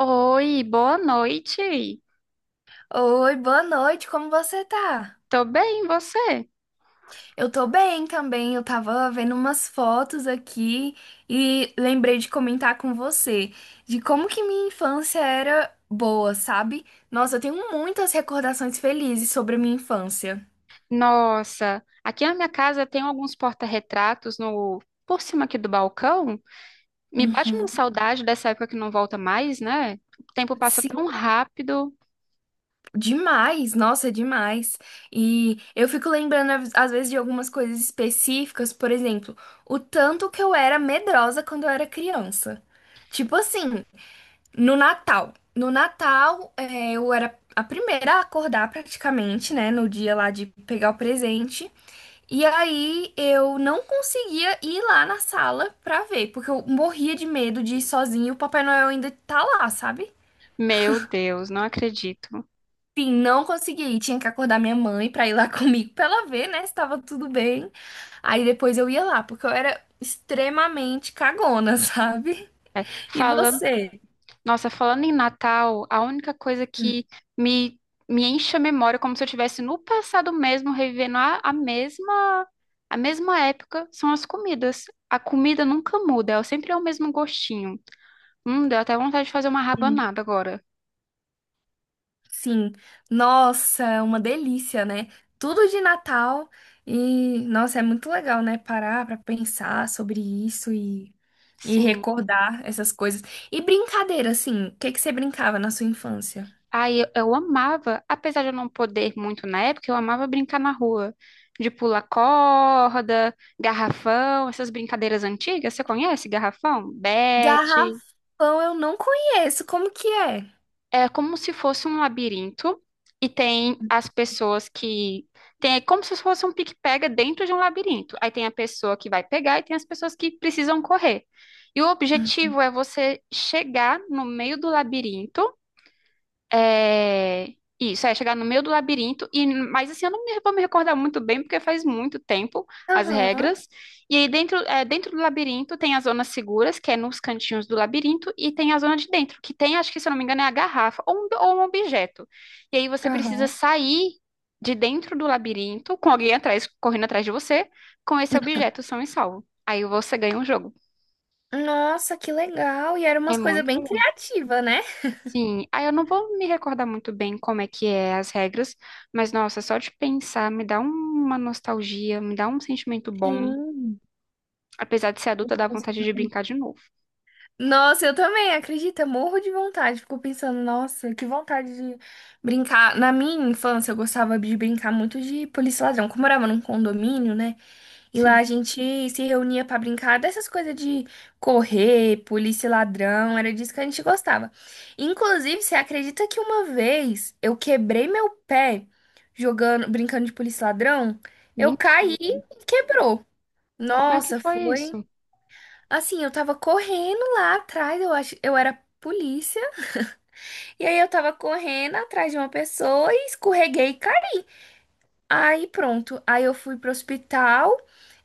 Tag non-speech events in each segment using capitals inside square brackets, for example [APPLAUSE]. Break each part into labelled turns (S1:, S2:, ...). S1: Oi, boa noite.
S2: Oi, boa noite, como você tá?
S1: Tô bem, e você?
S2: Eu tô bem também, eu tava vendo umas fotos aqui e lembrei de comentar com você de como que minha infância era boa, sabe? Nossa, eu tenho muitas recordações felizes sobre a minha infância.
S1: Nossa, aqui na minha casa tem alguns porta-retratos no por cima aqui do balcão. Me bate uma
S2: Uhum.
S1: saudade dessa época que não volta mais, né? O tempo passa
S2: Sim,
S1: tão rápido.
S2: demais, nossa, demais. E eu fico lembrando às vezes de algumas coisas específicas, por exemplo, o tanto que eu era medrosa quando eu era criança. Tipo assim. No Natal, eu era a primeira a acordar praticamente, né? No dia lá de pegar o presente. E aí eu não conseguia ir lá na sala pra ver, porque eu morria de medo de ir sozinha e o Papai Noel ainda tá lá, sabe?
S1: Meu Deus, não acredito.
S2: Enfim, não conseguia ir. Tinha que acordar minha mãe pra ir lá [LAUGHS] comigo pra ela ver, né? Se tava tudo bem. Aí depois eu ia lá, porque eu era extremamente cagona, [LAUGHS] sabe? E
S1: Falando
S2: você?
S1: Nossa, falando em Natal, a única coisa que me, me enche a memória, é como se eu estivesse no passado mesmo, revivendo a mesma época, são as comidas. A comida nunca muda, ela sempre é o mesmo gostinho. Deu até vontade de fazer uma rabanada agora.
S2: Sim, nossa, uma delícia, né? Tudo de Natal e, nossa, é muito legal, né? Parar pra pensar sobre isso e
S1: Sim.
S2: recordar essas coisas. E brincadeira, assim, o que que você brincava na sua infância?
S1: Aí eu amava, apesar de eu não poder muito na época, eu amava brincar na rua. De pular corda, garrafão, essas brincadeiras antigas. Você conhece garrafão? Bete.
S2: Garrafão eu não conheço, como que é?
S1: É como se fosse um labirinto e tem as pessoas que tem é como se fosse um pique-pega dentro de um labirinto. Aí tem a pessoa que vai pegar e tem as pessoas que precisam correr. E o objetivo é você chegar no meio do labirinto é... Isso, é chegar no meio do labirinto, e mas assim, eu não me- vou me recordar muito bem, porque faz muito tempo as
S2: Aham,
S1: regras. E aí dentro, é, dentro do labirinto tem as zonas seguras, que é nos cantinhos do labirinto, e tem a zona de dentro, que tem, acho que se eu não me engano, é a garrafa ou um objeto. E aí você precisa
S2: aham.
S1: sair de dentro do labirinto, com alguém atrás, correndo atrás de você, com esse objeto são e salvo. Aí você ganha um jogo.
S2: Nossa, que legal! E eram
S1: É
S2: umas coisas
S1: muito
S2: bem criativas, né?
S1: Sim, ah, eu não vou me recordar muito bem como é que é as regras, mas nossa, só de pensar me dá um- uma nostalgia, me dá um sentimento bom.
S2: Sim.
S1: Apesar de ser adulta, dá vontade de brincar de novo.
S2: Nossa, eu também, acredita? Morro de vontade. Fico pensando, nossa, que vontade de brincar. Na minha infância, eu gostava de brincar muito de polícia e ladrão. Como eu morava num condomínio, né? E lá
S1: Sim,
S2: a gente se reunia pra brincar dessas coisas de correr, polícia e ladrão. Era disso que a gente gostava. Inclusive, você acredita que uma vez eu quebrei meu pé jogando, brincando de polícia e ladrão? Eu caí
S1: Mentira.
S2: e quebrou.
S1: Como é que
S2: Nossa,
S1: foi
S2: foi.
S1: isso?
S2: Assim, eu tava correndo lá atrás, eu acho, eu era polícia, e aí eu tava correndo atrás de uma pessoa e escorreguei e caí. Aí pronto, aí eu fui pro hospital,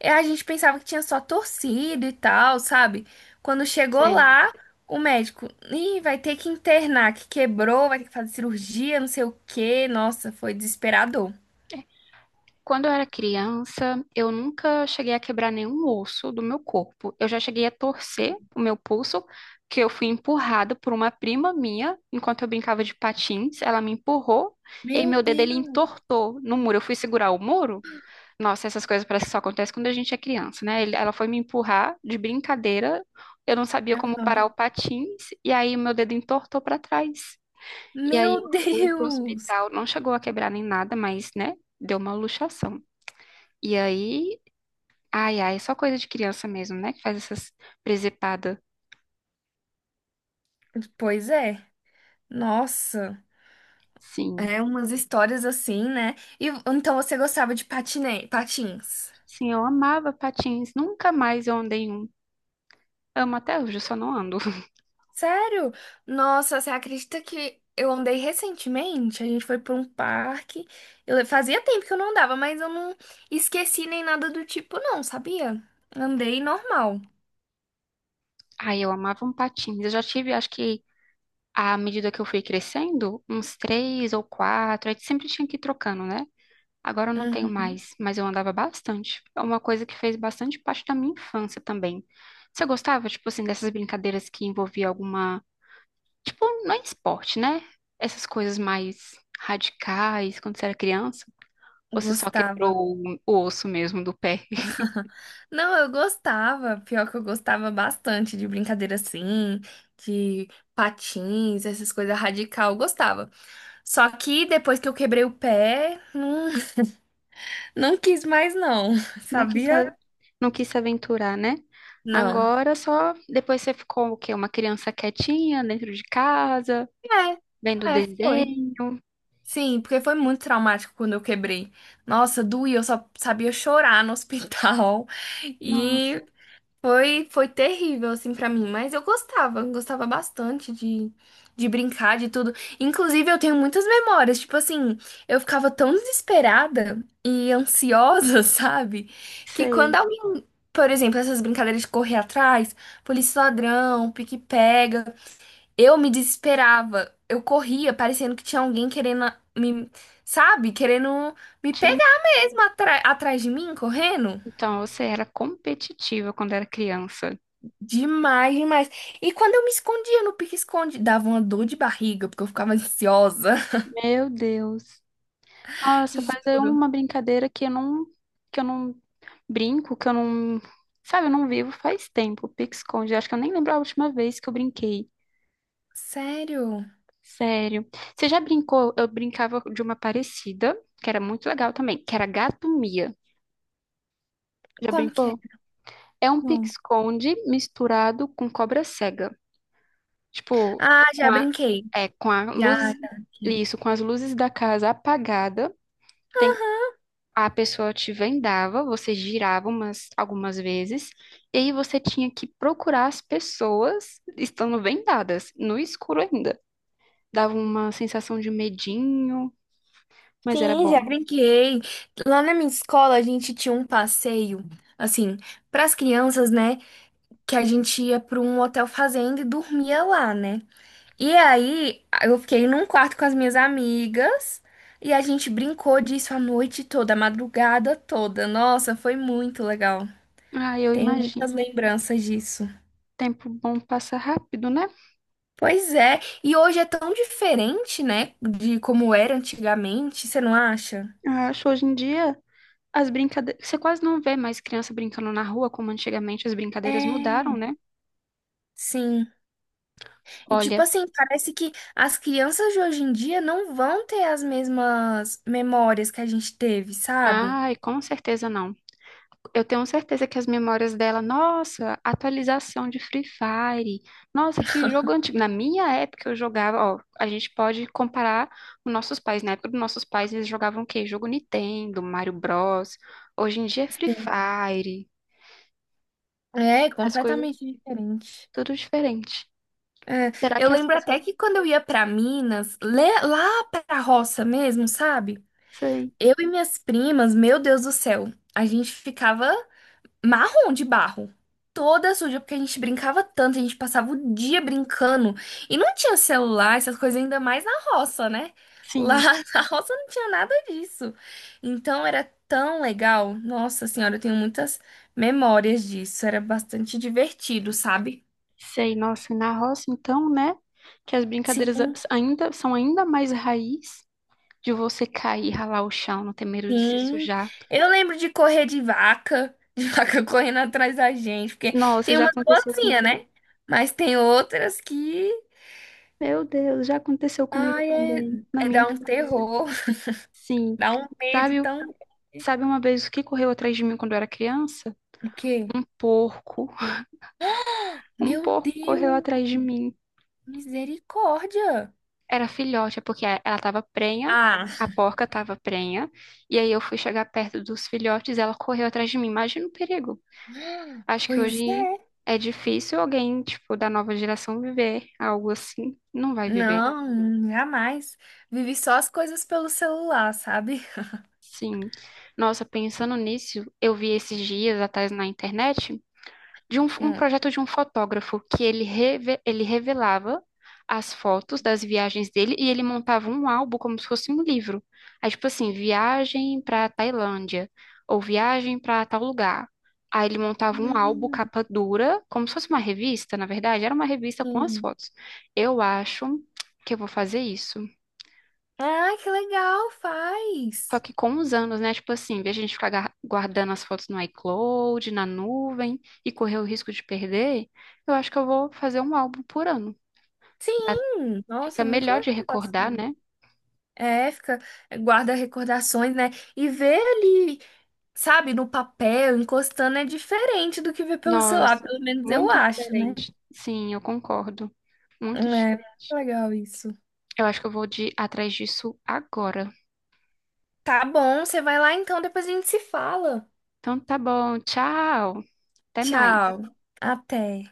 S2: e a gente pensava que tinha só torcido e tal, sabe? Quando chegou
S1: Sei.
S2: lá, o médico, ih, vai ter que internar, que quebrou, vai ter que fazer cirurgia, não sei o quê. Nossa, foi desesperador.
S1: Quando eu era criança, eu nunca cheguei a quebrar nenhum osso do meu corpo. Eu já cheguei a torcer o meu pulso, que eu fui empurrada por uma prima minha enquanto eu brincava de patins. Ela me empurrou e
S2: Meu
S1: meu dedo ele
S2: Deus.
S1: entortou no muro. Eu fui segurar o muro. Nossa, essas coisas parece que só acontecem quando a gente é criança, né? Ela foi me empurrar de brincadeira, eu não sabia como parar o
S2: Aham.
S1: patins, e aí o meu dedo entortou para trás. E aí eu
S2: Meu [LAUGHS]
S1: fui pro
S2: Deus!
S1: hospital, não chegou a quebrar nem nada, mas, né, deu uma luxação. E aí, ai, ai, é só coisa de criança mesmo, né, que faz essas presepadas.
S2: Pois é, nossa.
S1: Sim,
S2: É, umas histórias assim, né? E então você gostava de patins?
S1: sim, eu amava patins, nunca mais eu andei em um. Amo até hoje, eu só não ando. [LAUGHS]
S2: Sério? Nossa, você acredita que eu andei recentemente? A gente foi para um parque. Eu fazia tempo que eu não andava, mas eu não esqueci nem nada do tipo, não, sabia? Andei normal.
S1: Ai, eu amava um patins. Eu já tive, acho que à medida que eu fui crescendo, uns três ou quatro, aí sempre tinha que ir trocando, né? Agora eu não tenho
S2: Uhum,
S1: mais, mas eu andava bastante. É uma coisa que fez bastante parte da minha infância também. Você gostava, tipo assim, dessas brincadeiras que envolvia alguma, tipo, não é esporte, né? Essas coisas mais radicais quando você era criança? Ou você só quebrou
S2: gostava.
S1: o osso mesmo do pé? [LAUGHS]
S2: Não, eu gostava. Pior que eu gostava bastante de brincadeira assim, de patins, essas coisas radical, eu gostava. Só que depois que eu quebrei o pé, não quis mais, não. [LAUGHS]
S1: Não quis,
S2: Sabia?
S1: se- não quis se aventurar, né?
S2: Não.
S1: Agora só depois você ficou o quê? Uma criança quietinha dentro de casa, vendo
S2: É, foi.
S1: desenho?
S2: Sim, porque foi muito traumático quando eu quebrei. Nossa, doía, eu só sabia chorar no hospital. [LAUGHS]
S1: Não.
S2: E foi, terrível, assim, pra mim, mas eu gostava, gostava bastante de, brincar, de tudo. Inclusive, eu tenho muitas memórias, tipo assim, eu ficava tão desesperada e ansiosa, [LAUGHS] sabe? Que quando
S1: Sei.
S2: alguém, por exemplo, essas brincadeiras de correr atrás, polícia e ladrão, pique-pega, eu me desesperava. Eu corria, parecendo que tinha alguém querendo me, sabe? Querendo me
S1: te-
S2: pegar mesmo atrás de mim, correndo.
S1: Então, você era competitiva quando era criança.
S2: Demais, demais. E quando eu me escondia no pique-esconde, dava uma dor de barriga, porque eu ficava ansiosa.
S1: Meu Deus. Nossa,
S2: [LAUGHS]
S1: faz aí
S2: Juro.
S1: uma brincadeira que eu não brinco, que eu não, sabe, eu não vivo faz tempo. Pique-esconde. Acho que eu nem lembro a última vez que eu brinquei.
S2: Sério?
S1: Sério. Você já brincou? Eu brincava de uma parecida, que era muito legal também, que era gato mia. Já
S2: Como que é?
S1: brincou? É um
S2: Não.
S1: pique-esconde misturado com cobra cega. Tipo,
S2: Ah,
S1: com
S2: já
S1: a,
S2: brinquei.
S1: é, com a
S2: Já,
S1: luz,
S2: já brinquei.
S1: isso, com as luzes da casa apagada, tem, a pessoa te vendava, algumas vezes, e aí você tinha que procurar as pessoas estando vendadas, no escuro ainda. Dava uma sensação de medinho, mas era
S2: Sim,
S1: bom.
S2: já brinquei. Lá na minha escola, a gente tinha um passeio, assim, para as crianças, né? Que a gente ia para um hotel fazenda e dormia lá, né? E aí, eu fiquei num quarto com as minhas amigas e a gente brincou disso a noite toda, a madrugada toda. Nossa, foi muito legal.
S1: Ah, eu
S2: Tenho
S1: imagino.
S2: muitas lembranças disso.
S1: Tempo bom passa rápido, né?
S2: Pois é, e hoje é tão diferente, né, de como era antigamente, você não acha?
S1: Eu acho hoje em dia as brincadeiras. Você quase não vê mais criança brincando na rua, como antigamente as brincadeiras mudaram,
S2: É.
S1: né?
S2: Sim. E tipo
S1: Olha.
S2: assim, parece que as crianças de hoje em dia não vão ter as mesmas memórias que a gente teve, sabe?
S1: Ai, com certeza não. Eu tenho certeza que as memórias dela, nossa, atualização de Free Fire, nossa, que jogo antigo. Na minha época eu jogava, ó, a gente pode comparar os nossos pais. Na época dos nossos pais eles jogavam o quê? Jogo Nintendo, Mario Bros. Hoje em dia é Free
S2: Sim.
S1: Fire,
S2: É
S1: as coisas
S2: completamente diferente.
S1: tudo diferente.
S2: É,
S1: Será
S2: eu
S1: que é
S2: lembro
S1: sensação?
S2: até que quando eu ia pra Minas, lá pra roça mesmo, sabe?
S1: Sei,
S2: Eu e minhas primas, meu Deus do céu, a gente ficava marrom de barro, toda suja, porque a gente brincava tanto, a gente passava o dia brincando e não tinha celular, essas coisas, ainda mais na roça, né? Lá
S1: sim,
S2: [LAUGHS] na roça não tinha nada disso. Então era tão legal. Nossa senhora, eu tenho muitas memórias disso, era bastante divertido, sabe?
S1: sei. Nossa, e na roça então, né? Que as brincadeiras
S2: Sim.
S1: ainda são ainda mais raiz. De você cair, ralar o chão, não ter medo de se
S2: Sim,
S1: sujar.
S2: eu lembro de correr de vaca, de [LAUGHS] vaca correndo atrás da gente, porque
S1: Nossa,
S2: tem
S1: já
S2: umas
S1: aconteceu
S2: boazinhas,
S1: comigo.
S2: né? Mas tem outras que,
S1: Meu Deus, já aconteceu comigo
S2: ai, é,
S1: também, na
S2: é
S1: minha
S2: dar um
S1: infância.
S2: terror, [LAUGHS]
S1: Sim.
S2: dá um medo
S1: Sabe, o-
S2: tão...
S1: sabe uma vez o que correu atrás de mim quando eu era criança?
S2: O quê?
S1: Um porco. Um
S2: Meu
S1: porco correu
S2: Deus,
S1: atrás de mim.
S2: misericórdia!
S1: Era filhote, é porque ela estava prenha,
S2: Ah,
S1: a porca estava prenha, e aí eu fui chegar perto dos filhotes e ela correu atrás de mim. Imagina o perigo. Acho que
S2: pois
S1: hoje
S2: é.
S1: é difícil alguém, tipo, da nova geração viver algo assim. Não vai viver.
S2: Não, jamais. Vivi só as coisas pelo celular, sabe?
S1: Sim. Nossa, pensando nisso, eu vi esses dias atrás na internet um
S2: Hum.
S1: projeto de um fotógrafo que ele revelava as fotos das viagens dele e ele montava um álbum como se fosse um livro. Aí, tipo assim, viagem para Tailândia ou viagem para tal lugar. Aí ele montava um álbum
S2: Hum,
S1: capa dura, como se fosse uma revista, na verdade, era uma revista com as
S2: sim.
S1: fotos. Eu acho que eu vou fazer isso.
S2: Ah, que legal,
S1: Só
S2: faz.
S1: que com os anos, né? Tipo assim, em vez de a gente guardando as fotos no iCloud, na nuvem e correr o risco de perder, eu acho que eu vou fazer um álbum por ano. Dá-
S2: Sim, nossa,
S1: Fica
S2: muito
S1: melhor
S2: legal.
S1: de recordar,
S2: assim.
S1: né?
S2: É, fica, eh, guarda recordações, né? E ver ali, sabe, no papel, encostando é diferente do que ver pelo celular,
S1: Nossa,
S2: pelo menos eu
S1: muito
S2: acho, né?
S1: diferente. Sim, eu concordo.
S2: É,
S1: Muito
S2: muito
S1: diferente.
S2: legal isso.
S1: Eu acho que eu vou de atrás disso agora.
S2: Tá bom, você vai lá então, depois a gente se fala.
S1: Então tá bom, tchau. Até mais.
S2: Tchau, até.